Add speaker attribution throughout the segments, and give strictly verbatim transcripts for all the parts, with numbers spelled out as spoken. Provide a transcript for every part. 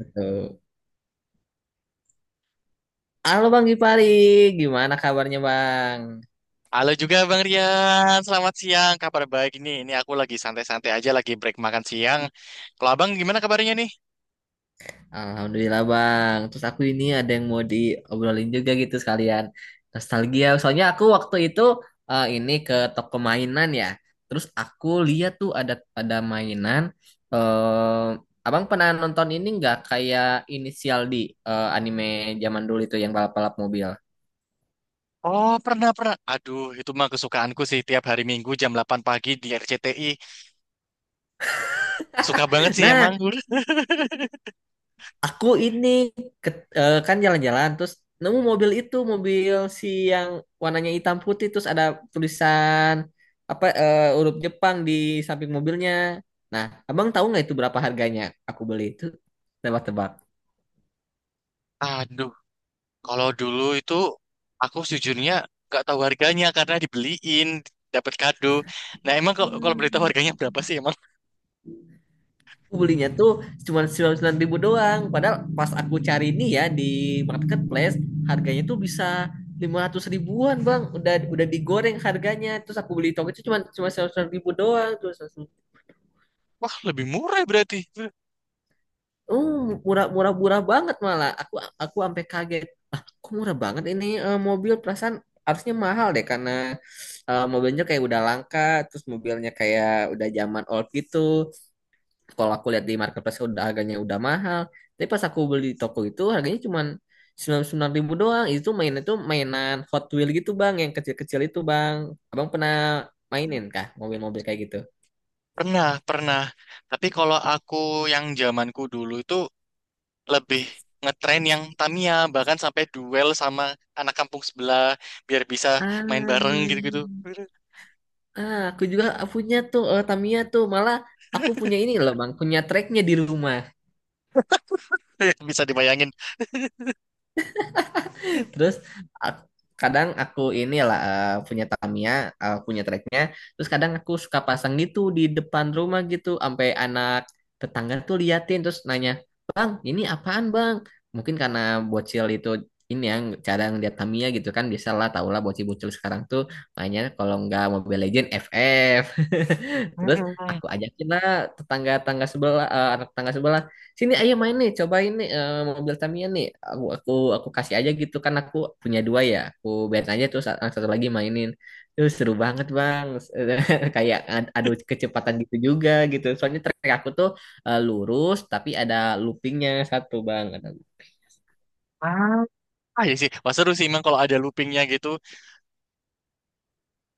Speaker 1: Betul. Halo Bang Gipari, gimana kabarnya Bang?
Speaker 2: Halo juga Bang Rian, selamat siang. Kabar baik ini, ini aku lagi santai-santai aja, lagi break makan siang. Kalau Abang gimana kabarnya nih?
Speaker 1: Alhamdulillah Bang. Terus aku ini ada yang mau diobrolin juga gitu sekalian. Nostalgia. Soalnya aku waktu itu eh, ini ke toko mainan ya. Terus aku lihat tuh ada ada mainan. eh Abang pernah nonton ini nggak kayak Inisial di eh, anime zaman dulu itu yang balap-balap mobil?
Speaker 2: Oh, pernah, pernah. Aduh, itu mah kesukaanku sih tiap hari Minggu jam delapan pagi di R C T I. Suka banget sih emang.
Speaker 1: Nah, aku ini ke- eh, kan jalan-jalan terus nemu mobil itu mobil si yang warnanya hitam putih terus ada tulisan apa eh, huruf Jepang di samping mobilnya. Nah, abang tahu nggak itu berapa harganya? Aku beli itu tebak-tebak.
Speaker 2: Aduh, kalau dulu itu aku sejujurnya nggak tahu harganya karena dibeliin, dapat kado. Nah, emang kalau kalau beritahu harganya berapa sih emang?
Speaker 1: Aku belinya tuh cuma sembilan puluh sembilan ribu doang. Padahal pas aku cari ini ya di marketplace harganya tuh bisa lima ratus ribuan bang. Udah udah digoreng harganya. Terus aku beli toko itu cuma cuma sembilan puluh sembilan ribu doang. Terus
Speaker 2: Wah, lebih murah berarti.
Speaker 1: oh, murah murah murah banget malah. Aku aku sampai kaget. Ah, kok murah banget ini eh, mobil perasaan harusnya mahal deh karena eh, mobilnya kayak udah langka, terus mobilnya kayak udah zaman old gitu. Kalau aku lihat di marketplace udah harganya udah mahal. Tapi pas aku beli di toko itu harganya cuman sembilan ribu doang. Itu mainan itu mainan Hot Wheel gitu bang, yang kecil-kecil itu bang. Abang pernah mainin kah mobil-mobil kayak gitu?
Speaker 2: Pernah, pernah. Tapi kalau aku yang zamanku dulu itu lebih ngetren yang Tamiya bahkan sampai duel sama anak kampung sebelah biar bisa main
Speaker 1: Ah.
Speaker 2: bareng gitu-gitu.
Speaker 1: Ah, aku juga punya tuh eh, Tamiya tuh. Malah aku punya ini loh Bang, punya tracknya di rumah.
Speaker 2: Bisa dibayangin.
Speaker 1: Terus aku, kadang aku inilah eh, punya Tamiya, eh, punya treknya. Terus kadang aku suka pasang gitu di depan rumah gitu, sampai anak tetangga tuh liatin terus nanya, Bang, ini apaan Bang? Mungkin karena bocil itu ini yang cara ngeliat Tamiya gitu kan biasalah tau lah bocil-bocil sekarang tuh mainnya kalau nggak Mobile Legend F F terus
Speaker 2: Mm-mm.
Speaker 1: aku ajakin lah tetangga-tetangga sebelah eh, anak tetangga sebelah sini ayo main nih cobain nih eh, mobil Tamiya nih aku aku aku kasih aja gitu kan aku punya dua ya aku biar aja terus yang satu lagi mainin terus seru banget bang kayak ad- adu kecepatan gitu juga gitu soalnya trek aku tuh eh, lurus tapi ada loopingnya satu bang ada
Speaker 2: Ah, ah, ya sih, wah seru sih emang kalau ada loopingnya gitu.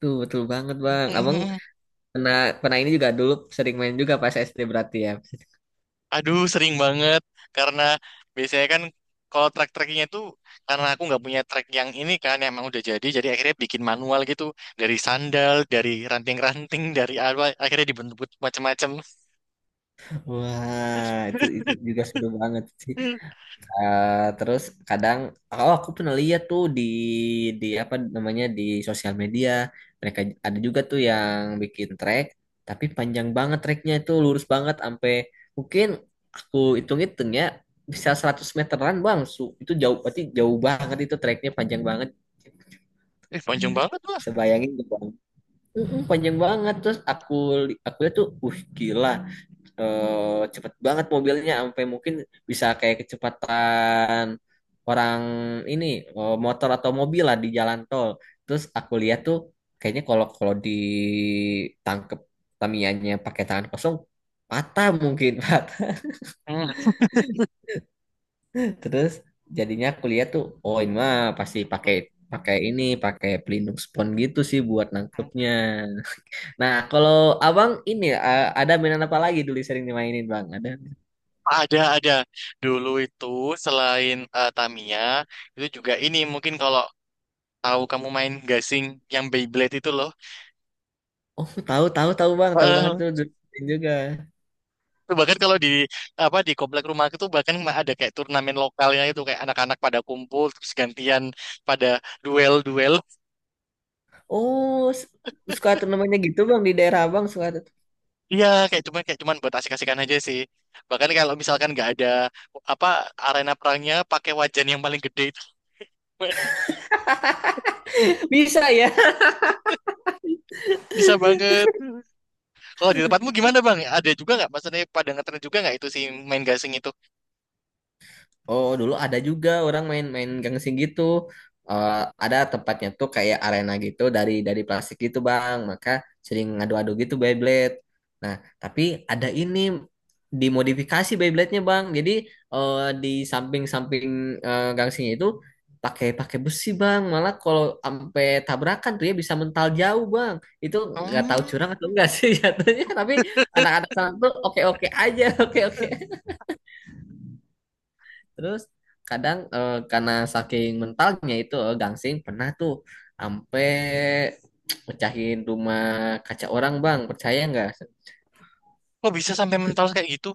Speaker 1: tuh betul banget bang abang
Speaker 2: Mm-mm.
Speaker 1: pernah pernah ini juga dulu sering main juga pas S D berarti ya
Speaker 2: Aduh, sering banget karena biasanya kan kalau track-tracknya itu, karena aku nggak punya track yang ini kan yang emang udah jadi jadi akhirnya bikin manual gitu, dari sandal, dari ranting-ranting, dari apa, akhirnya dibentuk macam-macam.
Speaker 1: wah itu itu juga seru banget sih. Eh, terus kadang oh aku pernah lihat tuh di di apa namanya di sosial media mereka ada juga tuh yang bikin trek tapi panjang banget treknya itu lurus banget sampai mungkin aku hitung-hitung ya bisa seratus meteran bang Su. Itu jauh berarti jauh banget itu treknya panjang banget
Speaker 2: Eh, panjang banget lah.
Speaker 1: bisa bayangin gak, bang. Mm-mm, panjang banget terus aku li- aku lihat tuh uh gila eh, cepet banget mobilnya sampai mungkin bisa kayak kecepatan orang ini eh, motor atau mobil lah di jalan tol. Terus aku lihat tuh kayaknya kalau kalau ditangkep Tamianya pakai tangan kosong patah mungkin patah. Terus jadinya aku lihat tuh oh ini mah pasti
Speaker 2: Mhm.
Speaker 1: pakai pakai ini pakai pelindung spons gitu sih buat nangkepnya. Nah, kalau abang ini eh, ada mainan apa lagi dulu sering dimainin bang? Ada
Speaker 2: Ada, ada. Dulu itu selain eh, Tamiya, itu juga ini mungkin kalau tahu kamu main gasing yang Beyblade itu loh.
Speaker 1: oh, tahu tahu tahu Bang, tahu banget
Speaker 2: Eh,
Speaker 1: tuh dulu main juga.
Speaker 2: itu bahkan kalau di apa di komplek rumah itu bahkan ada kayak turnamen lokalnya, itu kayak anak-anak pada kumpul terus gantian pada duel-duel.
Speaker 1: Oh, s- suka tuh namanya gitu Bang di daerah Abang suka tuh.
Speaker 2: Iya, kayak cuman kayak cuman buat asik-asikan aja sih. Bahkan kalau misalkan nggak ada apa, arena perangnya pakai wajan yang paling gede itu.
Speaker 1: Bisa ya?
Speaker 2: Bisa banget. Kalau di tempatmu gimana bang? Ada juga nggak? Maksudnya pada ngetren juga nggak itu si main gasing itu?
Speaker 1: Oh, dulu ada juga orang main-main gangsing gitu. Eh, ada tempatnya tuh kayak arena gitu dari dari plastik gitu, Bang. Maka sering ngadu-adu gitu Beyblade. Nah, tapi ada ini dimodifikasi Beyblade-nya, Bang. Jadi eh, di samping-samping eh, gangsingnya itu pakai pakai besi, Bang. Malah kalau sampai tabrakan tuh ya bisa mental jauh, Bang. Itu nggak tahu
Speaker 2: Hmm,
Speaker 1: curang atau enggak sih jatuhnya, tapi anak-anak sekarang tuh oke-oke aja, oke-oke. Terus kadang eh, karena saking mentalnya itu eh, gangsing pernah tuh sampai pecahin rumah kaca orang bang percaya nggak?
Speaker 2: kok bisa sampai mental kayak gitu?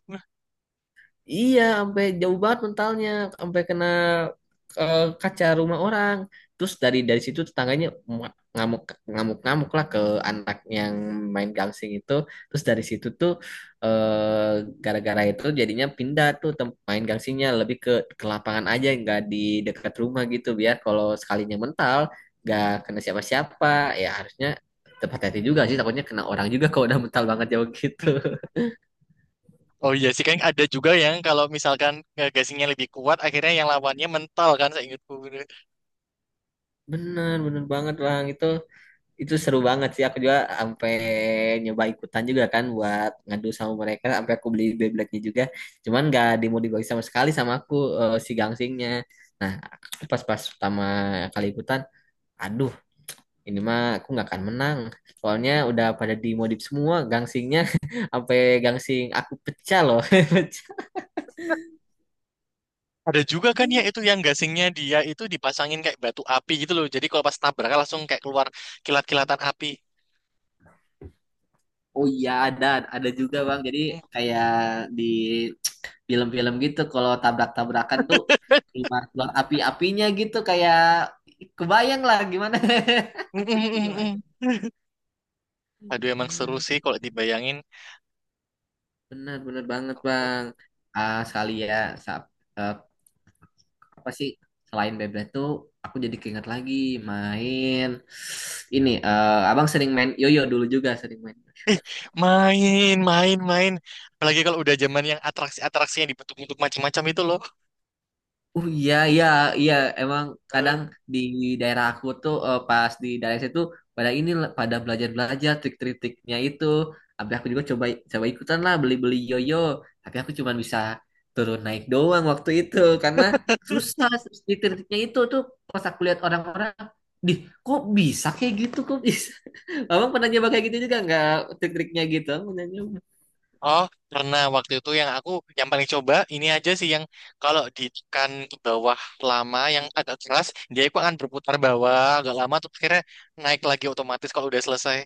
Speaker 1: Iya, sampai jauh banget mentalnya, sampai kena eh, kaca rumah orang. Terus dari dari situ tetangganya mu- ngamuk ngamuk ngamuk lah ke anak yang main gangsing itu. Terus dari situ tuh eh, gara-gara itu jadinya pindah tuh tem- main gangsingnya lebih ke ke lapangan aja, nggak di dekat rumah gitu. Biar kalau sekalinya mental nggak kena siapa-siapa. Ya harusnya tetap hati-hati juga sih, takutnya kena orang juga kalau udah mental banget jauh gitu.
Speaker 2: Oh iya sih, kan ada juga yang kalau misalkan eh, gasingnya lebih kuat, akhirnya yang lawannya mental kan, saya ingatku.
Speaker 1: Bener, bener banget Bang itu. Itu seru banget sih aku juga sampai nyoba ikutan juga kan buat ngadu sama mereka sampai aku beli Beyblade-nya juga cuman gak dimodifikasi sama sekali sama aku eh, si gangsingnya nah aku pas-pas pertama kali ikutan aduh ini mah aku nggak akan menang soalnya udah pada dimodif semua gangsingnya sampai gangsing aku pecah loh
Speaker 2: Ada juga kan ya itu yang gasingnya dia itu dipasangin kayak batu api gitu loh. Jadi kalau pas nabrak langsung kayak keluar kilat-kilatan api.
Speaker 1: Oh iya ada ada juga bang. Jadi kayak di film-film gitu kalau tabrak-tabrakan tuh keluar-keluar api-apinya gitu kayak kebayang lah gimana. Kebayang.
Speaker 2: Aduh, emang seru
Speaker 1: Ah,
Speaker 2: sih kalau dibayangin.
Speaker 1: benar benar banget bang. Ah sekali ya sa- eh, apa sih selain bebek tuh aku jadi keinget lagi main ini eh, abang sering main yoyo dulu juga sering main.
Speaker 2: Main, main, main. Apalagi kalau udah zaman yang atraksi-atraksi yang dibentuk-bentuk macam-macam itu loh.
Speaker 1: Oh iya iya iya emang
Speaker 2: Eh,
Speaker 1: kadang di daerah aku tuh eh, pas di daerah situ pada ini lah, pada belajar-belajar trik-triknya itu. Tapi aku juga coba coba ikutan lah beli-beli yoyo. Tapi aku cuma bisa turun naik doang waktu itu karena susah trik-triknya itu tuh pas aku lihat orang-orang, dih kok bisa kayak gitu kok bisa. Abang pernah nyoba kayak gitu juga nggak trik-triknya gitu? Abang pernah nyoba?
Speaker 2: Oh, karena waktu itu yang aku, yang paling coba ini aja sih, yang kalau ditekan ke bawah lama yang agak keras, dia itu akan berputar bawah agak lama terus akhirnya naik lagi otomatis kalau udah selesai.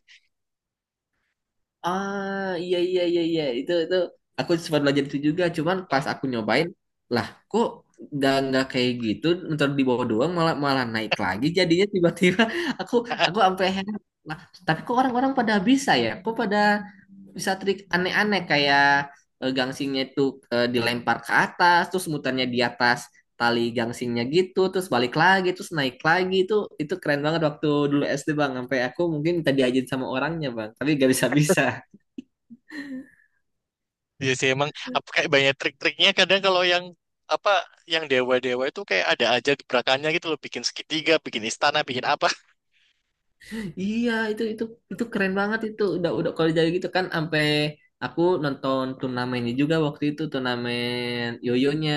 Speaker 1: Ah, iya iya iya iya itu itu aku sempat belajar itu juga, cuman pas aku nyobain, lah kok nggak nggak kayak gitu, ntar di bawah doang malah malah naik lagi jadinya tiba-tiba aku aku sampai heran. Lah, tapi kok orang-orang pada bisa ya? Kok pada bisa trik aneh-aneh kayak eh, gangsingnya itu eh, dilempar ke atas, terus mutarnya di atas tali gangsingnya gitu, terus balik lagi, terus naik lagi itu itu keren banget waktu dulu S D Bang, sampai aku mungkin minta diajarin sama orangnya Bang, tapi gak bisa-bisa.
Speaker 2: Iya sih emang, apa, kayak banyak trik-triknya. Kadang kalau yang apa, yang dewa-dewa itu kayak ada aja gebrakannya gitu loh, bikin segitiga, bikin istana, bikin apa.
Speaker 1: Iya, itu itu itu keren banget itu. Udah udah kalau jadi gitu kan sampai aku nonton turnamennya juga waktu itu turnamen yoyonya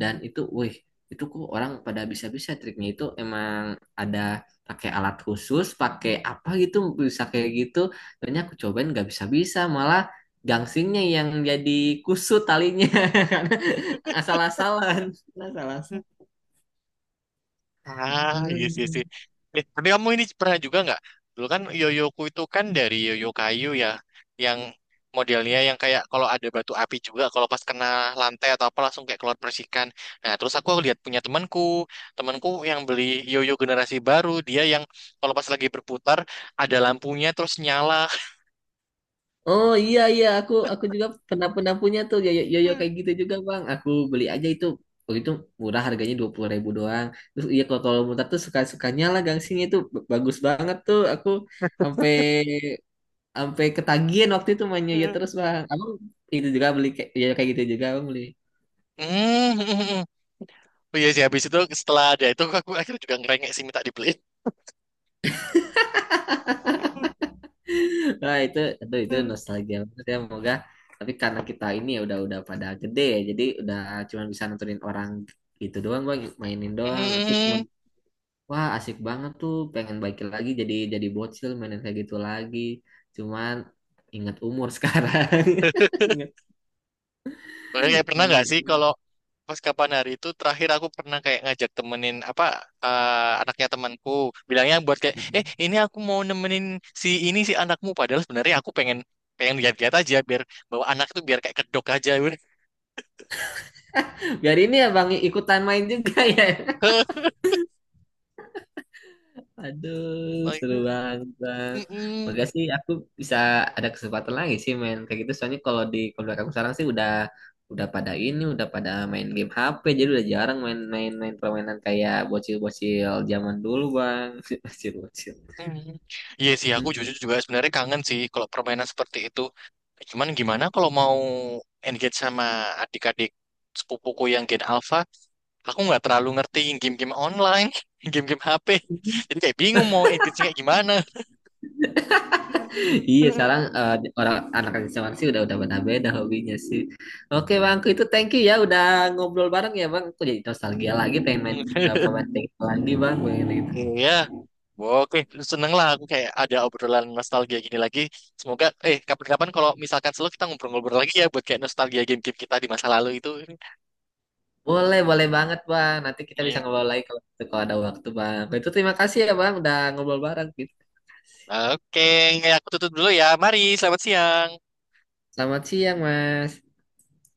Speaker 1: dan itu wih, itu kok orang pada bisa-bisa triknya itu emang ada pakai alat khusus, pakai apa gitu bisa kayak gitu. Ternyata aku cobain nggak bisa-bisa, malah gangsingnya yang jadi kusut talinya karena asal-asalan, asal-asalan.
Speaker 2: Ah, iya sih, iya sih. Eh, tapi kamu ini pernah juga nggak? Dulu kan yoyoku itu kan dari yoyo kayu ya, yang modelnya yang kayak kalau ada batu api juga, kalau pas kena lantai atau apa langsung kayak keluar percikan. Nah, terus aku lihat punya temanku, temanku yang beli yoyo generasi baru, dia yang kalau pas lagi berputar ada lampunya terus nyala.
Speaker 1: Oh iya iya aku aku juga pernah pernah punya tuh yoyo yoyo kayak gitu juga bang. Aku beli aja itu waktu itu murah harganya dua puluh ribu doang. Terus iya kalau kalau mutar tuh suka sukanya lah gangsingnya itu Ba- bagus banget tuh. Aku sampai sampai ketagihan waktu itu main yoyo
Speaker 2: Hmm,
Speaker 1: terus bang. Abang itu juga beli kayak yoyo kayak gitu juga bang beli.
Speaker 2: hmm, hmm. Oh iya sih, habis itu setelah ada itu aku akhirnya juga ngerengek sih minta dibeliin.
Speaker 1: Nah itu itu itu
Speaker 2: Hmm.
Speaker 1: nostalgia banget ya moga. Tapi karena kita ini ya udah udah pada gede ya, jadi udah cuma bisa nontonin orang itu doang bang mainin doang. Aku cuma wah, asik banget tuh. Pengen baikin lagi jadi jadi bocil mainin kayak gitu lagi. Cuman ingat umur sekarang. Ingat.
Speaker 2: Makanya kayak pernah
Speaker 1: Iya.
Speaker 2: nggak sih kalau pas kapan hari itu terakhir aku pernah kayak ngajak temenin apa, eh, anaknya temanku, bilangnya buat kayak eh ini aku mau nemenin si ini si anakmu, padahal sebenarnya aku pengen pengen lihat-lihat aja, biar bawa anak itu biar kayak kedok aja.
Speaker 1: Biar ini ya Bang ikutan main juga ya. Aduh, seru banget Bang.
Speaker 2: Mm.
Speaker 1: Makasih aku bisa ada kesempatan lagi sih main kayak gitu. Soalnya kalau di keluarga aku sekarang sih udah udah pada ini, udah pada main game H P. Jadi udah jarang main-main main permainan kayak bocil-bocil zaman dulu Bang. Bocil-bocil.
Speaker 2: Hmm. Iya sih, aku jujur juga sebenarnya kangen sih kalau permainan seperti itu. Cuman gimana kalau mau engage sama adik-adik sepupuku yang Gen Alpha, aku nggak terlalu ngerti game-game online, game-game H P.
Speaker 1: Mm-mm.
Speaker 2: Jadi kayak bingung mau engage kayak gimana.
Speaker 1: Iya, sekarang eh, orang anak zaman sih udah udah beda-beda hobinya sih. Oke, Bang, itu thank you ya udah ngobrol bareng ya, Bang. Aku jadi nostalgia lagi pengen main eh, pemain tenis lagi, Bang. Pengen gitu.
Speaker 2: Iya, oke, seneng lah aku kayak ada obrolan nostalgia gini lagi. Semoga, eh kapan-kapan kalau misalkan selalu kita ngobrol-ngobrol lagi ya, buat kayak nostalgia game-game kita di masa lalu itu.
Speaker 1: Boleh, boleh banget, Bang. Nanti kita bisa
Speaker 2: Iya.
Speaker 1: ngobrol lagi kalau, kalau ada waktu, Bang. Itu terima kasih ya, Bang, udah ngobrol bareng gitu.
Speaker 2: Oke, aku tutup dulu ya. Mari, selamat siang.
Speaker 1: Selamat siang, Mas.